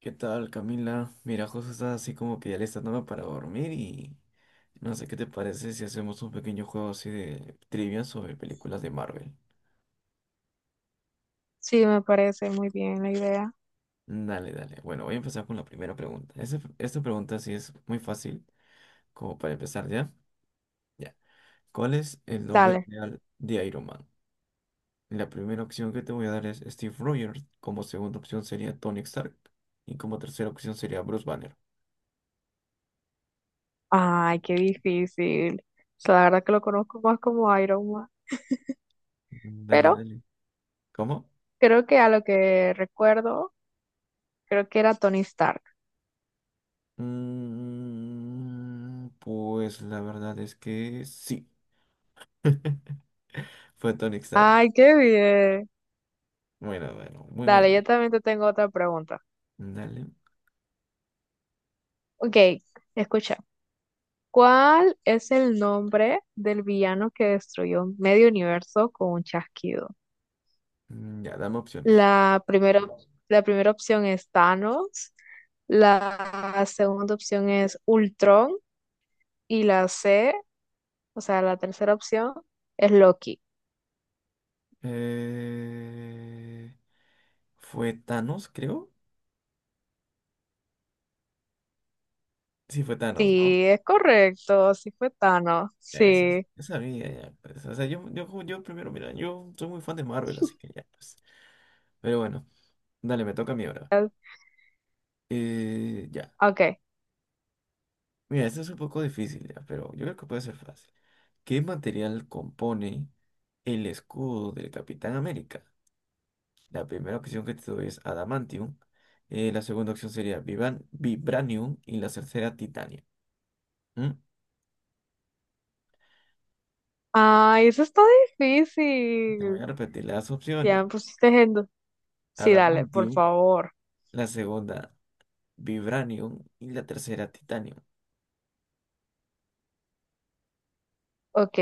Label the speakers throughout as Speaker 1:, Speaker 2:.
Speaker 1: ¿Qué tal, Camila? Mira, José está así como que ya está dando para dormir y no sé qué te parece si hacemos un pequeño juego así de trivia sobre películas de Marvel.
Speaker 2: Sí, me parece muy bien la idea.
Speaker 1: Dale, dale. Bueno, voy a empezar con la primera pregunta. Esta pregunta sí es muy fácil, como para empezar ya. Ya. ¿Cuál es el nombre
Speaker 2: Dale.
Speaker 1: real de Iron Man? La primera opción que te voy a dar es Steve Rogers, como segunda opción sería Tony Stark y como tercera opción sería Bruce Banner.
Speaker 2: Ay, qué difícil. O sea, la verdad que lo conozco más como Iron Man.
Speaker 1: Dale,
Speaker 2: Pero
Speaker 1: dale. ¿Cómo?
Speaker 2: creo que a lo que recuerdo, creo que era Tony Stark.
Speaker 1: Mm, pues la verdad es que sí. Fue Tony Stark.
Speaker 2: Ay, qué bien.
Speaker 1: Bueno, bueno, muy bueno.
Speaker 2: Dale, yo también te tengo otra pregunta.
Speaker 1: Dale.
Speaker 2: Ok, escucha. ¿Cuál es el nombre del villano que destruyó medio universo con un chasquido?
Speaker 1: Mm, ya, dame opciones.
Speaker 2: La primera, la primera opción es Thanos. La segunda opción es Ultron. Y la C, o sea, la tercera opción es Loki.
Speaker 1: Eh, Fue Thanos, creo. Sí, fue Thanos, ¿no?
Speaker 2: Sí, es correcto, sí fue Thanos,
Speaker 1: Eso,
Speaker 2: sí.
Speaker 1: esa sabía ya, pues. O sea, yo primero, mira, yo soy muy fan de Marvel, así que ya, pues. Pero bueno, dale, me toca a mí ahora. Ya.
Speaker 2: Ok.
Speaker 1: Mira, esto es un poco difícil ya, pero yo creo que puede ser fácil. ¿Qué material compone el escudo del Capitán América? La primera opción que te doy es adamantium, la segunda opción sería vibranium y la tercera titanio. ¿Mm?
Speaker 2: Ay, eso está
Speaker 1: Te voy
Speaker 2: difícil.
Speaker 1: a repetir las
Speaker 2: Ya
Speaker 1: opciones.
Speaker 2: me pusiste en... Sí, dale, por
Speaker 1: Adamantium,
Speaker 2: favor.
Speaker 1: la segunda vibranium y la tercera titanio.
Speaker 2: Ok,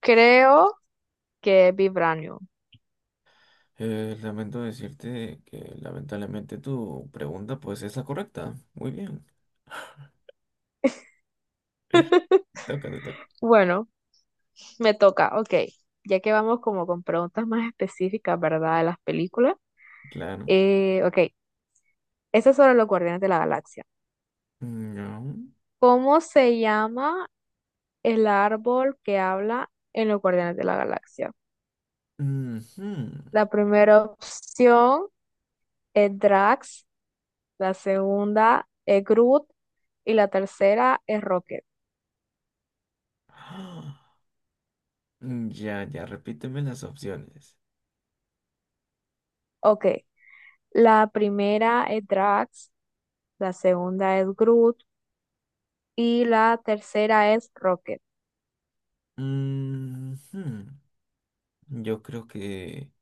Speaker 2: creo que es Vibranium.
Speaker 1: Lamento decirte que lamentablemente tu pregunta pues es la correcta. Muy bien, toca, te toca.
Speaker 2: Bueno, me toca, ok. Ya que vamos como con preguntas más específicas, ¿verdad? De las películas.
Speaker 1: Claro.
Speaker 2: Ok, esta es sobre los Guardianes de la Galaxia.
Speaker 1: Mm, no.
Speaker 2: ¿Cómo se llama el árbol que habla en los Guardianes de la Galaxia?
Speaker 1: Ujú.
Speaker 2: La primera opción es Drax, la segunda es Groot y la tercera es Rocket.
Speaker 1: Ah, ya, ya, repíteme las opciones.
Speaker 2: Ok, la primera es Drax, la segunda es Groot y la tercera es Rocket.
Speaker 1: Ujú. Yo creo que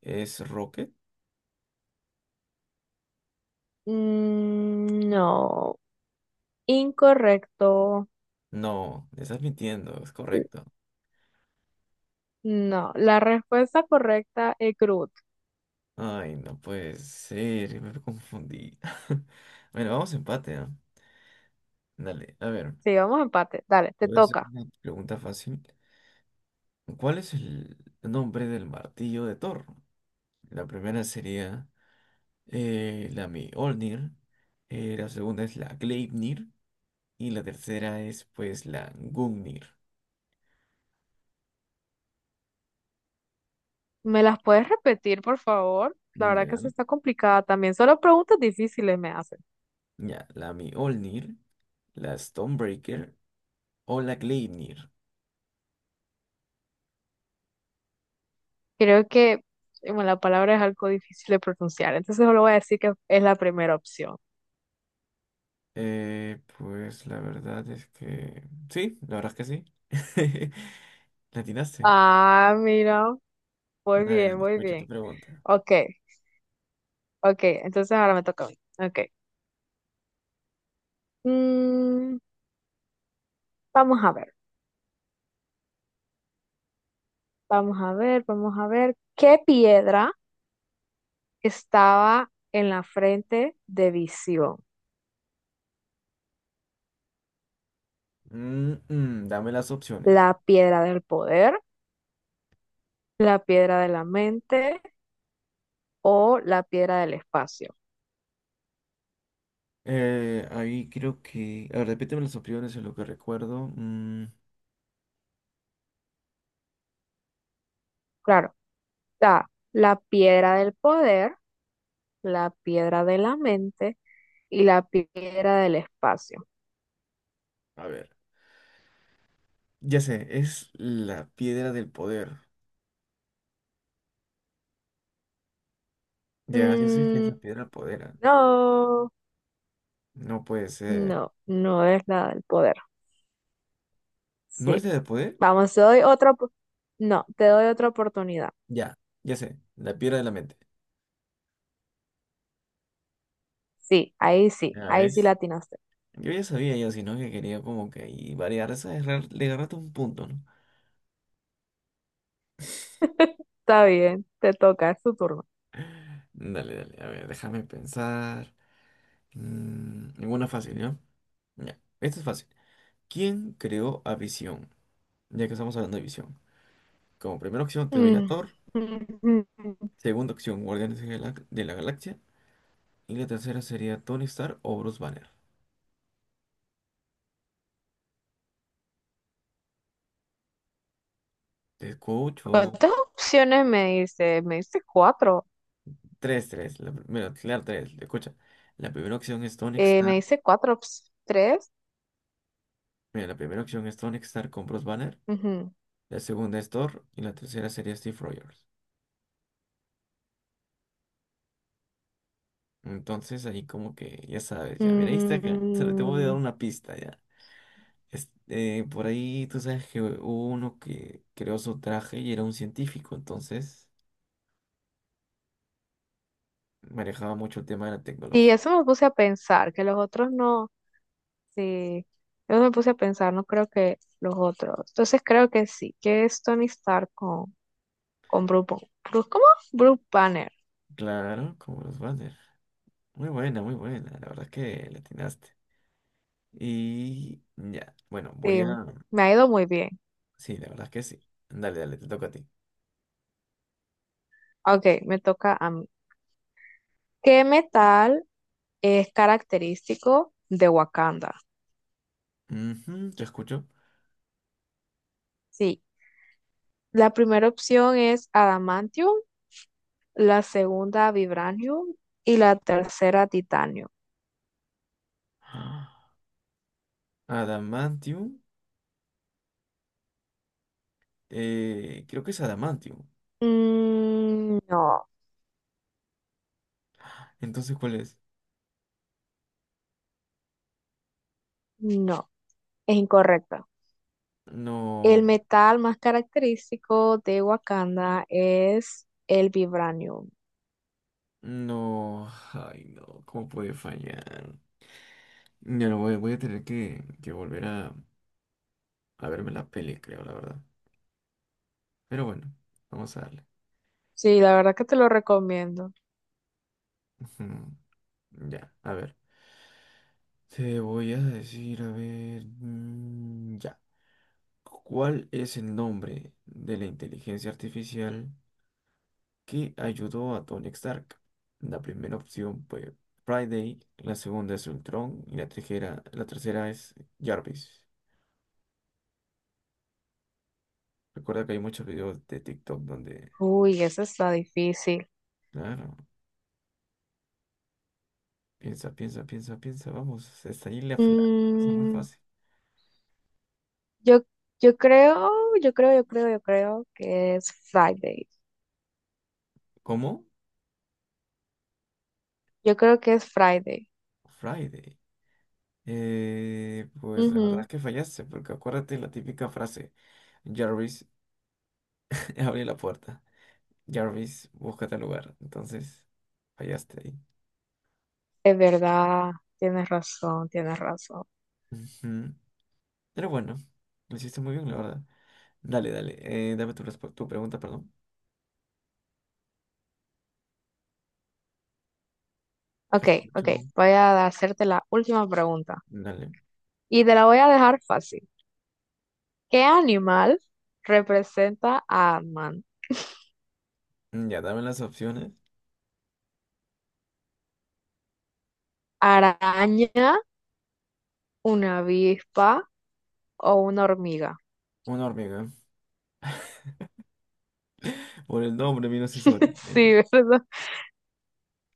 Speaker 1: es Rocket.
Speaker 2: Mm, no, incorrecto.
Speaker 1: No, me estás mintiendo, es
Speaker 2: L-
Speaker 1: correcto.
Speaker 2: No, la respuesta correcta es Groot.
Speaker 1: Ay, no puede ser, me confundí. Bueno, vamos a empate, ¿ah? Dale, a ver.
Speaker 2: Sí, vamos a empate. Dale,
Speaker 1: Te
Speaker 2: te
Speaker 1: voy a hacer
Speaker 2: toca.
Speaker 1: una pregunta fácil. ¿Cuál es el nombre del martillo de Thor? La primera sería la Mjolnir. La segunda es la Gleipnir. Y la tercera es pues la Gungnir.
Speaker 2: ¿Me las puedes repetir, por favor? La verdad que
Speaker 1: Ya.
Speaker 2: se está complicada también. Solo preguntas difíciles me hacen.
Speaker 1: Ya, la Mjolnir, la Stonebreaker o la Gleipnir.
Speaker 2: Creo que bueno, la palabra es algo difícil de pronunciar, entonces solo voy a decir que es la primera opción.
Speaker 1: Pues la verdad es que... Sí, la verdad es que sí. La atinaste.
Speaker 2: Ah, mira, muy
Speaker 1: Dale,
Speaker 2: bien,
Speaker 1: dale,
Speaker 2: muy
Speaker 1: escucho tu
Speaker 2: bien.
Speaker 1: pregunta.
Speaker 2: Ok, ok, entonces ahora me toca a mí. Ok. Mm, vamos a ver, vamos a ver, vamos a ver. ¿Qué piedra estaba en la frente de Visión?
Speaker 1: Dame las opciones.
Speaker 2: ¿La piedra del poder? ¿La piedra de la mente? O la piedra del espacio.
Speaker 1: Ahí creo que... A ver, repíteme las opciones en lo que recuerdo. Mm,
Speaker 2: Claro, está la piedra del poder, la piedra de la mente y la piedra del espacio.
Speaker 1: a ver. Ya sé, es la piedra del poder. Ya, ya sé que es
Speaker 2: Mm,
Speaker 1: la piedra del poder.
Speaker 2: no,
Speaker 1: No puede ser.
Speaker 2: no es la del poder.
Speaker 1: ¿No es
Speaker 2: Sí.
Speaker 1: la del poder?
Speaker 2: Vamos, te doy otra, no, te doy otra oportunidad.
Speaker 1: Ya, ya sé, la piedra de la mente.
Speaker 2: Sí, ahí sí,
Speaker 1: ¿Ya
Speaker 2: ahí sí la
Speaker 1: ves?
Speaker 2: atinaste.
Speaker 1: Yo ya sabía yo, sino que quería como que ahí variar, le agarraste un punto, ¿no?
Speaker 2: Está bien, te toca, es tu turno.
Speaker 1: Dale, dale, a ver, déjame pensar. Mm, ninguna fácil, ¿no? Ya, esto es fácil. ¿Quién creó a Visión? Ya que estamos hablando de Visión. Como primera opción te doy a
Speaker 2: Mm,
Speaker 1: Thor,
Speaker 2: mm, mm.
Speaker 1: segunda opción Guardianes de la Galaxia y la tercera sería Tony Stark o Bruce Banner. Te escucho.
Speaker 2: ¿Cuántas opciones me dice? Me dice cuatro.
Speaker 1: Tres, tres. Mira, claro, tres. Escucha. La primera opción es Tony
Speaker 2: Me
Speaker 1: Stark.
Speaker 2: dice cuatro, tres.
Speaker 1: Mira, la primera opción es Tony Stark con Bruce Banner.
Speaker 2: Ujú.
Speaker 1: La segunda es Thor. Y la tercera sería Steve Rogers. Entonces ahí como que, ya sabes, ya. Mira, ahí está acá. Solo te voy a dar
Speaker 2: Mm,
Speaker 1: una pista ya. Por ahí tú sabes que hubo uno que creó su traje y era un científico. Entonces manejaba mucho el tema de la
Speaker 2: y
Speaker 1: tecnología.
Speaker 2: eso me puse a pensar, que los otros no. Sí, yo me puse a pensar, no creo que los otros. Entonces creo que sí, que es Tony Stark con Bruce, ¿cómo? Bruce Banner.
Speaker 1: Claro, como los Banner. Muy buena, muy buena. La verdad es que le atinaste. Y ya, bueno, voy
Speaker 2: Sí,
Speaker 1: a...
Speaker 2: me ha ido muy bien.
Speaker 1: Sí, la verdad es que sí. Dale, dale, te toca a ti.
Speaker 2: Ok, me toca a mí. ¿Qué metal es característico de Wakanda?
Speaker 1: Ujú, te escucho.
Speaker 2: Sí, la primera opción es adamantium. La segunda vibranio y la tercera titanio.
Speaker 1: Ah, adamantium. Creo que es Adamantium.
Speaker 2: Mm, no,
Speaker 1: Entonces, ¿cuál es?
Speaker 2: no, es incorrecto. El
Speaker 1: No,
Speaker 2: metal más característico de Wakanda es el vibranium.
Speaker 1: no. Ay, no. ¿Cómo puede fallar? Ya no voy, voy a tener que volver a verme la peli, creo, la verdad. Pero bueno, vamos a darle.
Speaker 2: Sí, la verdad que te lo recomiendo.
Speaker 1: Ujú. Ya, a ver. Te voy a decir, a ver. Mm, ya. ¿Cuál es el nombre de la inteligencia artificial que ayudó a Tony Stark? La primera opción fue Friday, la segunda es Ultron y la tercera es Jarvis. Recuerda que hay muchos videos de TikTok donde,
Speaker 2: Uy, eso está difícil.
Speaker 1: claro, piensa, vamos, está ahí pasa muy
Speaker 2: Mm,
Speaker 1: fácil.
Speaker 2: yo, yo creo, yo creo que es Friday.
Speaker 1: ¿Cómo?
Speaker 2: Yo creo que es Friday.
Speaker 1: Friday. Pues la verdad
Speaker 2: Ujú,
Speaker 1: es que fallaste, porque acuérdate la típica frase, Jarvis, abre la puerta. Jarvis, búscate al lugar. Entonces, fallaste ahí.
Speaker 2: es verdad, tienes razón, tienes razón.
Speaker 1: Ujú. Pero bueno, lo hiciste muy bien, la verdad. Dale, dale. Dame tu pregunta, perdón. Te
Speaker 2: Ok, ok.
Speaker 1: escucho.
Speaker 2: Voy a hacerte la última pregunta.
Speaker 1: Dale.
Speaker 2: Y te la voy a dejar fácil. ¿Qué animal representa a Ant-Man?
Speaker 1: Mm, ya, dame las opciones.
Speaker 2: ¿Araña, una avispa o una hormiga?
Speaker 1: Una hormiga. Por el nombre, vino se
Speaker 2: Sí,
Speaker 1: sobreentiende.
Speaker 2: ¿verdad?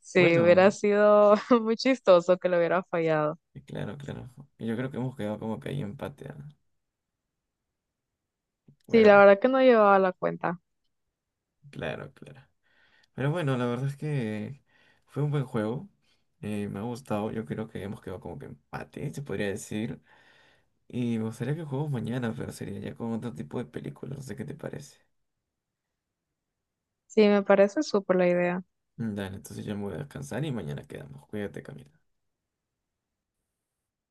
Speaker 2: Sí,
Speaker 1: Bueno,
Speaker 2: hubiera sido muy chistoso que lo hubiera fallado.
Speaker 1: claro, claro. Yo creo que hemos quedado como que ahí empate. ¿Ah?
Speaker 2: Sí,
Speaker 1: Pero
Speaker 2: la
Speaker 1: bueno,
Speaker 2: verdad que no llevaba la cuenta.
Speaker 1: claro, claro. Pero bueno, la verdad es que fue un buen juego. Me ha gustado. Yo creo que hemos quedado como que empate, se podría decir. Y me gustaría que juguemos mañana, pero sería ya con otro tipo de películas. No sé qué te parece.
Speaker 2: Sí, me parece súper la idea.
Speaker 1: Dale, entonces ya me voy a descansar y mañana quedamos. Cuídate, Camila.